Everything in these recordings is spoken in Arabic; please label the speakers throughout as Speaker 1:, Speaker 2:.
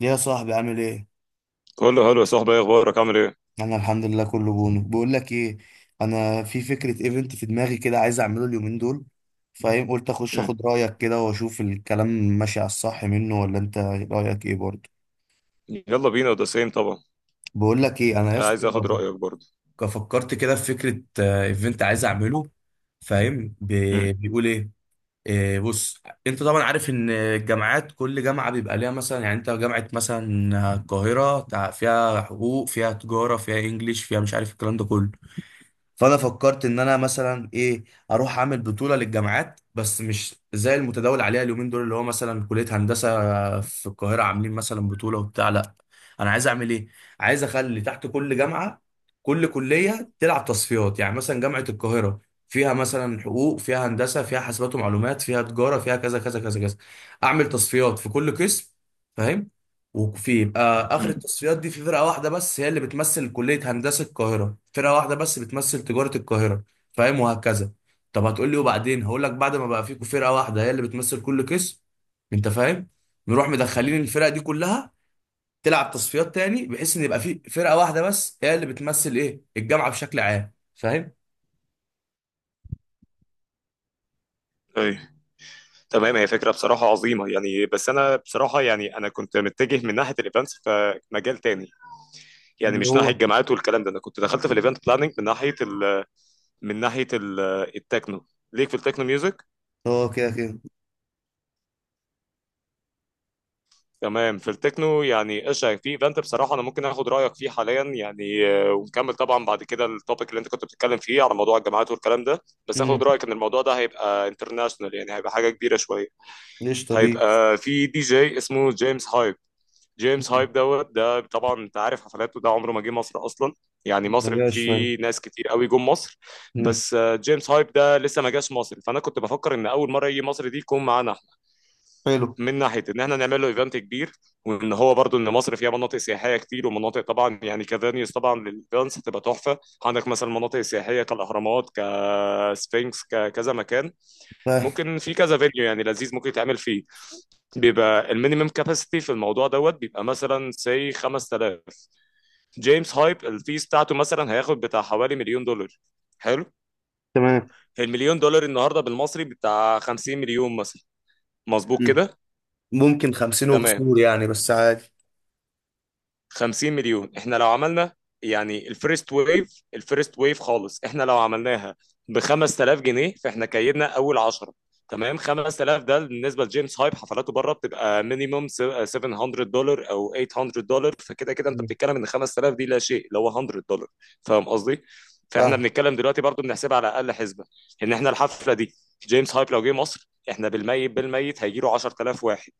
Speaker 1: يا صاحبي، عامل ايه؟
Speaker 2: كله حلو يا صاحبي، ايه اخبارك؟ عامل ايه؟
Speaker 1: انا الحمد لله، كله بونو. بقول لك ايه، انا في فكره ايفنت في دماغي كده، عايز اعمله اليومين دول، فاهم؟ قلت اخش
Speaker 2: مم.
Speaker 1: اخد رايك كده واشوف الكلام ماشي على الصح منه ولا. انت رايك ايه برضه؟
Speaker 2: يلا بينا، ده سيم طبعا.
Speaker 1: بقول لك ايه انا يا اسطى،
Speaker 2: عايز اخد رايك برضه.
Speaker 1: فكرت كده في فكره، ايفنت عايز اعمله. فاهم
Speaker 2: مم.
Speaker 1: بيقول ايه؟ بص، انت طبعا عارف ان الجامعات كل جامعه بيبقى ليها مثلا، يعني انت جامعه مثلا القاهره فيها حقوق، فيها تجاره، فيها انجليش، فيها مش عارف الكلام ده كله. فانا فكرت ان انا مثلا ايه، اروح اعمل بطوله للجامعات، بس مش زي المتداول عليها اليومين دول، اللي هو مثلا كليه هندسه في القاهره عاملين مثلا بطوله وبتاع. لا، انا عايز اعمل ايه، عايز اخلي تحت كل جامعه كل كليه تلعب تصفيات. يعني مثلا جامعه القاهره فيها مثلا حقوق، فيها هندسه، فيها حاسبات ومعلومات، فيها تجاره، فيها كذا كذا كذا كذا. اعمل تصفيات في كل قسم، فاهم؟ وفي يبقى اخر
Speaker 2: مم.
Speaker 1: التصفيات دي في فرقه واحده بس هي اللي بتمثل كليه هندسه القاهره، فرقه واحده بس بتمثل تجاره القاهره، فاهم؟ وهكذا. طب هتقول لي وبعدين؟ هقول لك بعد ما بقى فيكم فرقه واحده هي اللي بتمثل كل قسم، انت فاهم، نروح مدخلين الفرق دي كلها تلعب تصفيات تاني، بحيث ان يبقى في فرقه واحده بس هي اللي بتمثل ايه، الجامعه بشكل عام، فاهم؟
Speaker 2: اي، تمام. هي فكره بصراحه عظيمه يعني، بس انا بصراحه يعني انا كنت متجه من ناحيه الايفنتس فمجال تاني، يعني
Speaker 1: اللي
Speaker 2: مش ناحيه
Speaker 1: هو
Speaker 2: الجامعات والكلام ده. انا كنت دخلت في الايفنت بلاننج من ناحيه ال التكنو، ليك في التكنو ميوزك.
Speaker 1: اه كده كده.
Speaker 2: تمام، في التكنو. يعني ايش في ايفنت بصراحه انا ممكن اخد رايك فيه حاليا يعني، ونكمل طبعا بعد كده التوبيك اللي انت كنت بتتكلم فيه على موضوع الجامعات والكلام ده. بس اخد
Speaker 1: امم،
Speaker 2: رايك، ان الموضوع ده هيبقى انترناشونال، يعني هيبقى حاجه كبيره شويه.
Speaker 1: ليش طبيعي.
Speaker 2: هيبقى في دي جي اسمه جيمس هايب. جيمس هايب دوت، ده طبعا انت عارف حفلاته، ده عمره ما جه مصر اصلا. يعني
Speaker 1: ما
Speaker 2: مصر
Speaker 1: جاش فعلا.
Speaker 2: في ناس كتير قوي جم مصر.
Speaker 1: امم.
Speaker 2: بس جيمس هايب ده لسه ما جاش مصر، فانا كنت بفكر ان اول مره يجي مصر دي يكون معانا،
Speaker 1: حلو.
Speaker 2: من ناحيه ان احنا نعمل له ايفنت كبير. وان هو برضو ان مصر فيها مناطق سياحيه كتير ومناطق طبعا، يعني كفانيوز طبعا للايفنتس هتبقى تحفه. عندك مثلا مناطق سياحيه كالاهرامات، كسفنكس، ككذا مكان.
Speaker 1: فاهم.
Speaker 2: ممكن في كذا فيديو يعني لذيذ ممكن يتعمل فيه. بيبقى المينيمم كاباسيتي في الموضوع دوت بيبقى مثلا سي 5000. جيمس هايب الفيس بتاعته مثلا هياخد بتاع حوالي مليون دولار. حلو.
Speaker 1: تمام.
Speaker 2: المليون دولار النهارده بالمصري بتاع 50 مليون مثلا، مظبوط
Speaker 1: مم.
Speaker 2: كده؟
Speaker 1: ممكن خمسين
Speaker 2: تمام.
Speaker 1: وكسور يعني، بس عادي.
Speaker 2: 50 مليون احنا لو عملنا، يعني الفيرست ويف الفيرست ويف خالص، احنا لو عملناها ب 5000 جنيه فاحنا كيدنا اول 10. تمام. 5000 ده بالنسبه لجيمس هايب حفلاته بره بتبقى مينيموم 700 دولار او 800 دولار، فكده كده انت
Speaker 1: مم.
Speaker 2: بتتكلم ان 5000 دي لا شيء، اللي هو 100 دولار. فاهم قصدي؟ فاحنا
Speaker 1: فاهم.
Speaker 2: بنتكلم دلوقتي برضو بنحسبها على اقل حسبه، ان احنا الحفله دي، جيمس هايب لو جه مصر احنا بالميت بالميت هيجي له 10000 واحد.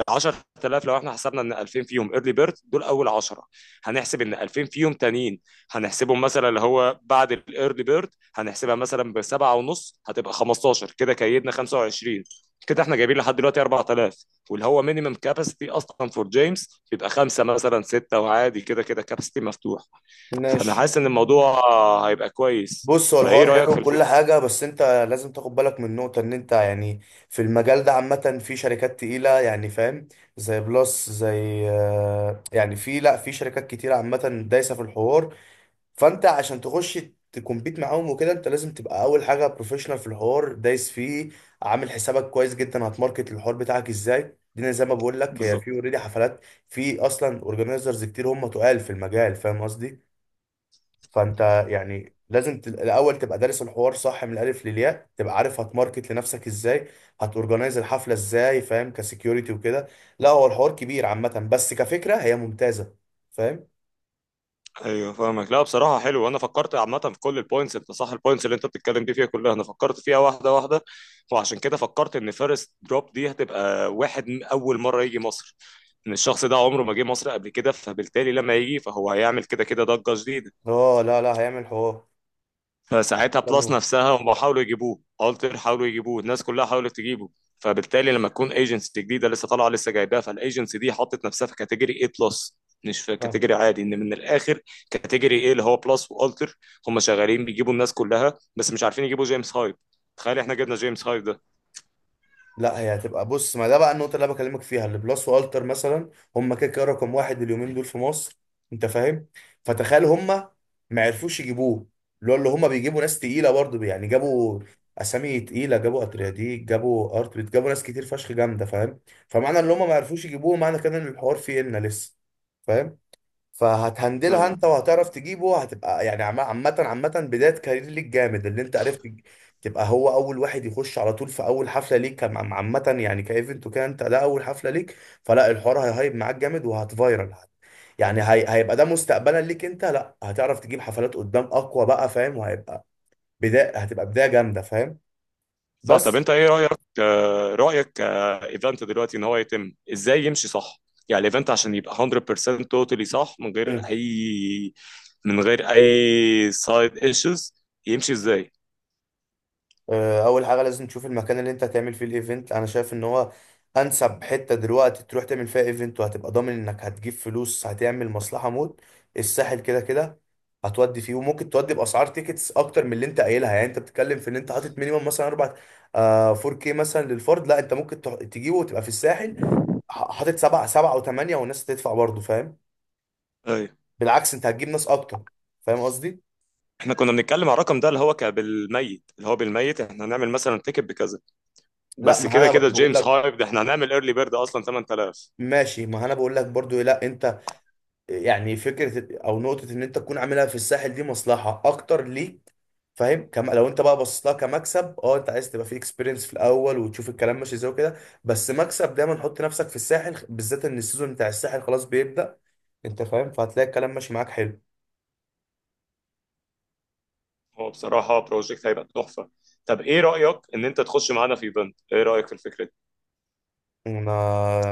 Speaker 2: ال 10000 لو احنا حسبنا ان 2000 فيهم ايرلي بيرد دول اول 10، هنحسب ان 2000 فيهم تانيين هنحسبهم مثلا اللي هو بعد الايرلي بيرد هنحسبها مثلا بسبعة ونص هتبقى 15، كده كيدنا 25. كده احنا جايبين لحد دلوقتي 4000، واللي هو مينيمم كاباسيتي اصلا فور جيمس بيبقى خمسه مثلا سته، وعادي كده كده كاباسيتي مفتوح. فانا
Speaker 1: ماشي.
Speaker 2: حاسس ان الموضوع هيبقى كويس.
Speaker 1: بص، هو
Speaker 2: فايه
Speaker 1: الحوار
Speaker 2: رايك
Speaker 1: حلو
Speaker 2: في
Speaker 1: وكل
Speaker 2: الفكره؟
Speaker 1: حاجة، بس انت لازم تاخد بالك من نقطة، ان انت يعني في المجال ده عامة في شركات تقيلة، يعني فاهم، زي بلس، زي يعني في، لا في شركات كتيرة عامة دايسة في الحوار. فانت عشان تخش تكمبيت معاهم وكده، انت لازم تبقى اول حاجه بروفيشنال في الحوار دايس فيه، عامل حسابك كويس جدا هتماركت الحوار بتاعك ازاي. دي زي ما بقول لك، هي في
Speaker 2: بالظبط.
Speaker 1: اوريدي حفلات، في اصلا اورجانيزرز كتير هم تقال في المجال، فاهم قصدي؟ فانت يعني لازم الاول تبقى دارس الحوار صح من الالف للياء، تبقى عارف هتماركت لنفسك ازاي، هتورجنايز الحفله ازاي، فاهم؟ كسكيورتي وكده. لا، هو الحوار كبير عامه، بس كفكره هي ممتازه، فاهم.
Speaker 2: ايوه، فاهمك. لا بصراحه حلو، انا فكرت عامه في كل البوينتس، انت صح، البوينتس اللي انت بتتكلم دي فيها كلها انا فكرت فيها واحده واحده. وعشان كده فكرت ان فيرست دروب دي هتبقى واحد من اول مره يجي مصر، ان الشخص ده عمره ما جه مصر قبل كده، فبالتالي لما يجي فهو هيعمل كده كده ضجه جديده.
Speaker 1: اه لا لا، هيعمل حوار.
Speaker 2: فساعتها
Speaker 1: لا
Speaker 2: بلس
Speaker 1: مو-
Speaker 2: نفسها هم حاولوا يجيبوه، التر حاولوا يجيبوه، الناس كلها حاولت تجيبه. فبالتالي لما تكون ايجنسي جديده لسه طالعه لسه جايباها، فالايجنسي دي حطت نفسها في كاتيجوري اي بلس، مش في
Speaker 1: فاهم.
Speaker 2: كاتيجوري عادي، ان من الاخر كاتيجوري ايه اللي هو بلس والتر. هم شغالين بيجيبوا الناس كلها بس مش عارفين يجيبوا جيمس هايد. تخيل احنا جبنا جيمس هايد
Speaker 1: لا هي هتبقى، بص، ما ده بقى النقطة اللي انا بكلمك فيها. اللي بلس والتر مثلا، هم كده كده رقم واحد اليومين دول في مصر، انت فاهم، فتخيل هم ما عرفوش يجيبوه. اللي هو اللي هم بيجيبوا ناس تقيلة برضه، يعني جابوا اسامي تقيلة، جابوا اترياديك، جابوا ارتبت، جابوا ناس كتير فشخ جامدة، فاهم؟ فمعنى ان هم ما عرفوش يجيبوه، معنى كده ان الحوار فيه إلنا لسه، فاهم. فهتهندلها
Speaker 2: ده.
Speaker 1: انت وهتعرف تجيبه، هتبقى يعني عامة عامة بداية كارير ليك جامد، اللي انت عرفت تبقى هو اول واحد يخش على طول في اول حفلة ليك عامة يعني، كايفنت وكده، انت ده اول حفلة ليك، فلا الحوار هيهايب معاك جامد وهتفايرل. هيبقى ده مستقبلا ليك انت، لا هتعرف تجيب حفلات قدام اقوى بقى، فاهم؟ وهيبقى بداية، هتبقى بداية جامدة، فاهم؟
Speaker 2: صح. طب
Speaker 1: بس
Speaker 2: انت ايه رايك، رايك ايفنت دلوقتي ان هو يتم ازاي يمشي صح؟ يعني الايفنت عشان يبقى 100% توتالي صح، من غير اي سايد ايشوز، يمشي ازاي؟
Speaker 1: اول حاجه لازم تشوف المكان اللي انت هتعمل فيه الايفنت. انا شايف ان هو انسب حته دلوقتي تروح تعمل فيها ايفنت، وهتبقى ضامن انك هتجيب فلوس، هتعمل مصلحه موت، الساحل. كده كده هتودي فيه، وممكن تودي باسعار تيكتس اكتر من اللي انت قايلها. يعني انت بتتكلم في ان انت حاطط مينيمم مثلا 4، آه 4K مثلا للفرد. لا انت ممكن تجيبه وتبقى في الساحل حاطط سبعة سبعة وثمانية والناس هتدفع برضه، فاهم؟
Speaker 2: ايوه.
Speaker 1: بالعكس انت هتجيب ناس اكتر، فاهم قصدي؟
Speaker 2: احنا كنا بنتكلم على الرقم ده اللي هو بالميت، اللي هو بالميت احنا هنعمل مثلا تيكت بكذا.
Speaker 1: لا
Speaker 2: بس
Speaker 1: ما
Speaker 2: كده
Speaker 1: انا
Speaker 2: كده
Speaker 1: بقول
Speaker 2: جيمس
Speaker 1: لك،
Speaker 2: هايب ده احنا هنعمل ايرلي بيرد اصلا 8000.
Speaker 1: ماشي، ما انا بقول لك برضو لا انت يعني فكره او نقطه ان انت تكون عاملها في الساحل دي مصلحه اكتر ليك، فاهم كم؟ لو انت بقى بصيت لها كمكسب، اه انت عايز تبقى في اكسبيرينس في الاول وتشوف الكلام ماشي ازاي وكده، بس مكسب دايما حط نفسك في الساحل، بالذات ان السيزون بتاع الساحل خلاص بيبدا، انت فاهم، فهتلاقي الكلام ماشي معاك حلو.
Speaker 2: هو بصراحه بروجكت هيبقى تحفه. طب ايه رايك ان انت تخش معانا في ايفنت؟ ايه رايك في الفكره؟
Speaker 1: انا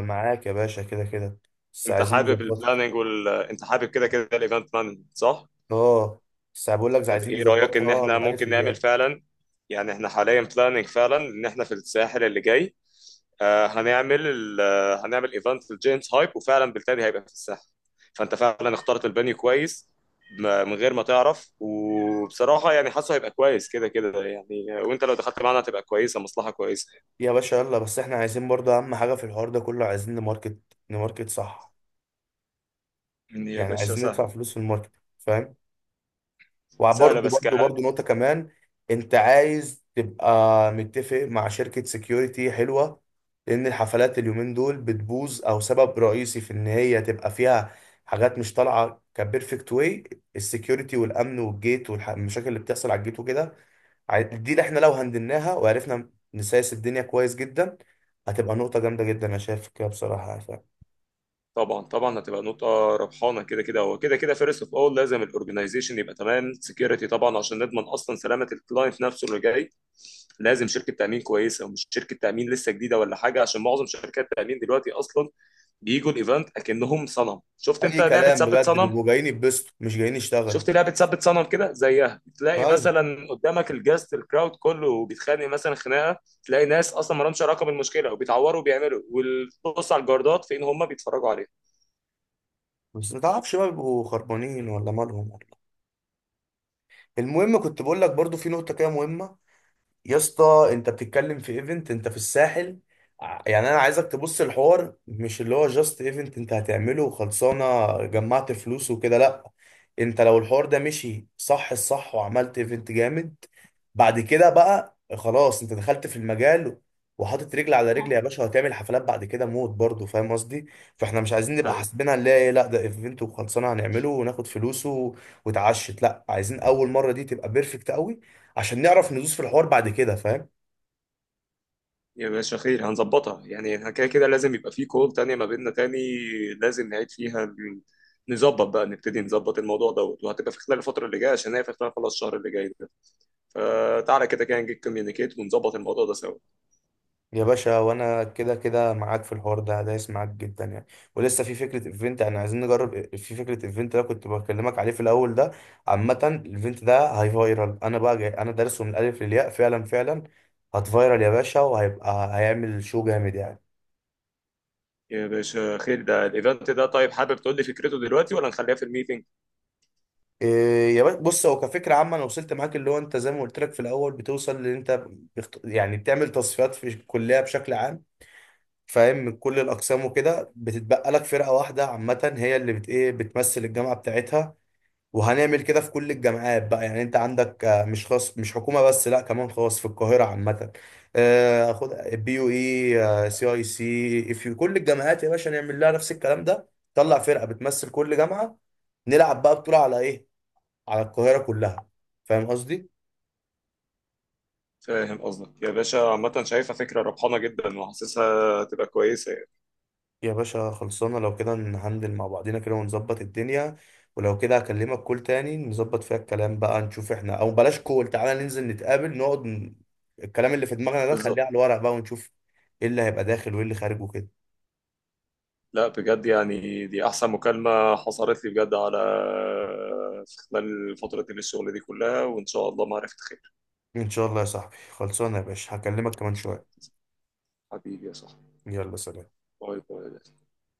Speaker 1: معاك يا باشا كده كده، بس
Speaker 2: انت
Speaker 1: عايزين
Speaker 2: حابب
Speaker 1: نظبطها.
Speaker 2: البلاننج انت حابب كده كده الايفنت مانجمنت صح؟
Speaker 1: اه، بس بقول لك
Speaker 2: طب
Speaker 1: عايزين
Speaker 2: ايه رايك ان
Speaker 1: نظبطها من
Speaker 2: احنا
Speaker 1: الالف
Speaker 2: ممكن نعمل
Speaker 1: للياء.
Speaker 2: فعلا، يعني احنا حاليا بلاننج فعلا ان احنا في الساحل اللي جاي، آه هنعمل ال... آه، هنعمل ايفنت في الجيمس هايب، وفعلا بالتالي هيبقى في الساحل. فانت فعلا اخترت البانيو كويس، من غير ما تعرف. وبصراحه يعني حاسه هيبقى كويس كده كده يعني، وانت لو دخلت معانا هتبقى كويسه مصلحه كويسه.
Speaker 1: يا باشا يلا، بس احنا عايزين برضه اهم حاجه في الحوار ده كله، عايزين نماركت، نماركت صح،
Speaker 2: يا
Speaker 1: يعني
Speaker 2: باشا
Speaker 1: عايزين ندفع
Speaker 2: سهل.
Speaker 1: فلوس في الماركت، فاهم؟
Speaker 2: سهله
Speaker 1: وبرضه
Speaker 2: بس.
Speaker 1: برضه برضه نقطة كمان، انت عايز تبقى متفق مع شركة سكيورتي حلوة، لان الحفلات اليومين دول بتبوظ، او سبب رئيسي في ان هي تبقى فيها حاجات مش طالعة كبيرفكت، واي؟ السكيورتي والامن والجيت والمشاكل اللي بتحصل على الجيت وكده. دي اللي احنا لو هندلناها وعرفنا نسايس الدنيا كويس جدا، هتبقى نقطة جامدة جدا، انا شايف كده بصراحة، يعني فاهم.
Speaker 2: طبعا طبعا هتبقى نقطة ربحانة كده كده. هو كده كده فيرست اوف اول لازم الاورجنايزيشن يبقى تمام، سكيورتي طبعا عشان نضمن اصلا سلامة الكلاينت نفسه اللي جاي. لازم شركة تأمين كويسة ومش شركة تأمين لسه جديدة ولا حاجة، عشان معظم شركات التأمين دلوقتي اصلا بيجوا الايفنت اكنهم صنم. شفت انت
Speaker 1: اي
Speaker 2: لعبة
Speaker 1: كلام
Speaker 2: ثبت
Speaker 1: بجد،
Speaker 2: صنم؟
Speaker 1: بيبقوا جايين يتبسطوا، مش جايين يشتغلوا.
Speaker 2: شفت لعبة ثبت صنم كده؟ زيها تلاقي
Speaker 1: ايوه،
Speaker 2: مثلا قدامك الجاست، الكراود كله بيتخانق مثلا خناقة، تلاقي ناس اصلا ما لهمش علاقة بالمشكلة وبيتعوروا وبيعملوا. وبص على الجاردات فين هم بيتفرجوا عليها.
Speaker 1: بس ما تعرفش بقى، بيبقوا خربانين ولا مالهم ولا إيه. المهم، كنت بقول لك برضو في نقطة كده مهمة. يا اسطى، انت بتتكلم في ايفنت انت في الساحل، يعني انا عايزك تبص الحوار مش اللي هو جاست ايفنت انت هتعمله وخلصانه، جمعت فلوس وكده، لا. انت لو الحوار ده مشي صح الصح وعملت ايفنت جامد، بعد كده بقى خلاص انت دخلت في المجال، وحاطط رجل على رجل يا باشا، وهتعمل حفلات بعد كده موت برضه، فاهم قصدي؟ فاحنا مش عايزين نبقى حاسبينها اللي هي ايه، لا ده ايفنت وخلصانه هنعمله وناخد فلوسه وتعشت، لا، عايزين اول مره دي تبقى بيرفكت قوي، عشان نعرف ندوس في الحوار بعد كده، فاهم؟
Speaker 2: يا باشا خير، هنظبطها. يعني احنا كده كده لازم يبقى في كول تانية ما بيننا تاني، لازم نعيد فيها نظبط بقى، نبتدي نظبط الموضوع دوت، وهتبقى في خلال الفترة اللي جاية، عشان هي في خلال خلاص الشهر اللي جاي ده. فتعالى كده كده نجيب كوميونيكيت ونظبط الموضوع ده سوا.
Speaker 1: يا باشا، وانا كده كده معاك في الحوار ده، دايس معاك جدا يعني. ولسه في فكره ايفنت، يعني عايزين نجرب في فكره ايفنت ده كنت بكلمك عليه في الاول ده. عامه الايفنت ده هاي فايرال، انا بقى جاي انا دارسه من الالف للياء، فعلا فعلا هتفايرال يا باشا، وهيبقى هيعمل شو جامد يعني.
Speaker 2: يا باشا خير، ده الايفنت ده طيب حابب تقول لي فكرته دلوقتي ولا نخليها في الميتنج؟
Speaker 1: إيه يا باشا، بص، هو كفكره عامه انا وصلت معاك اللي هو انت زي ما قلت لك في الاول، بتوصل ان انت يعني بتعمل تصفيات في الكليه بشكل عام، فاهم، من كل الاقسام وكده، بتتبقى لك فرقه واحده عامه هي اللي بت ايه، بتمثل الجامعه بتاعتها. وهنعمل كده في كل الجامعات بقى، يعني انت عندك مش خاص، مش حكومه بس، لا كمان خاص في القاهره عامه، خد بي يو اي سي اي سي، في كل الجامعات يا باشا نعمل لها نفس الكلام ده، طلع فرقه بتمثل كل جامعه، نلعب بقى بطوله على ايه، على القاهره كلها، فاهم قصدي؟
Speaker 2: فاهم قصدك يا باشا، عامة شايفها فكرة ربحانة جدا، وحاسسها هتبقى كويسة يعني.
Speaker 1: يا باشا خلصانة، لو كده نهندل مع بعضينا كده ونظبط الدنيا. ولو كده هكلمك كول تاني نظبط فيها الكلام بقى، نشوف احنا، او بلاش كول، تعالى ننزل نتقابل نقعد. الكلام اللي في دماغنا ده نخليه
Speaker 2: بالظبط.
Speaker 1: على الورق بقى، ونشوف ايه اللي هيبقى داخل وايه اللي خارج وكده.
Speaker 2: لا بجد يعني، دي احسن مكالمة حصلت لي بجد على، في خلال فترة الشغل دي كلها. وان شاء الله معرفة خير.
Speaker 1: ان شاء الله يا صاحبي. خلصانة يا باشا، هكلمك
Speaker 2: ان
Speaker 1: كمان
Speaker 2: شاء
Speaker 1: شوية.
Speaker 2: الله. حبيبي يا صاحبي.
Speaker 1: يلا سلام.
Speaker 2: باي باي.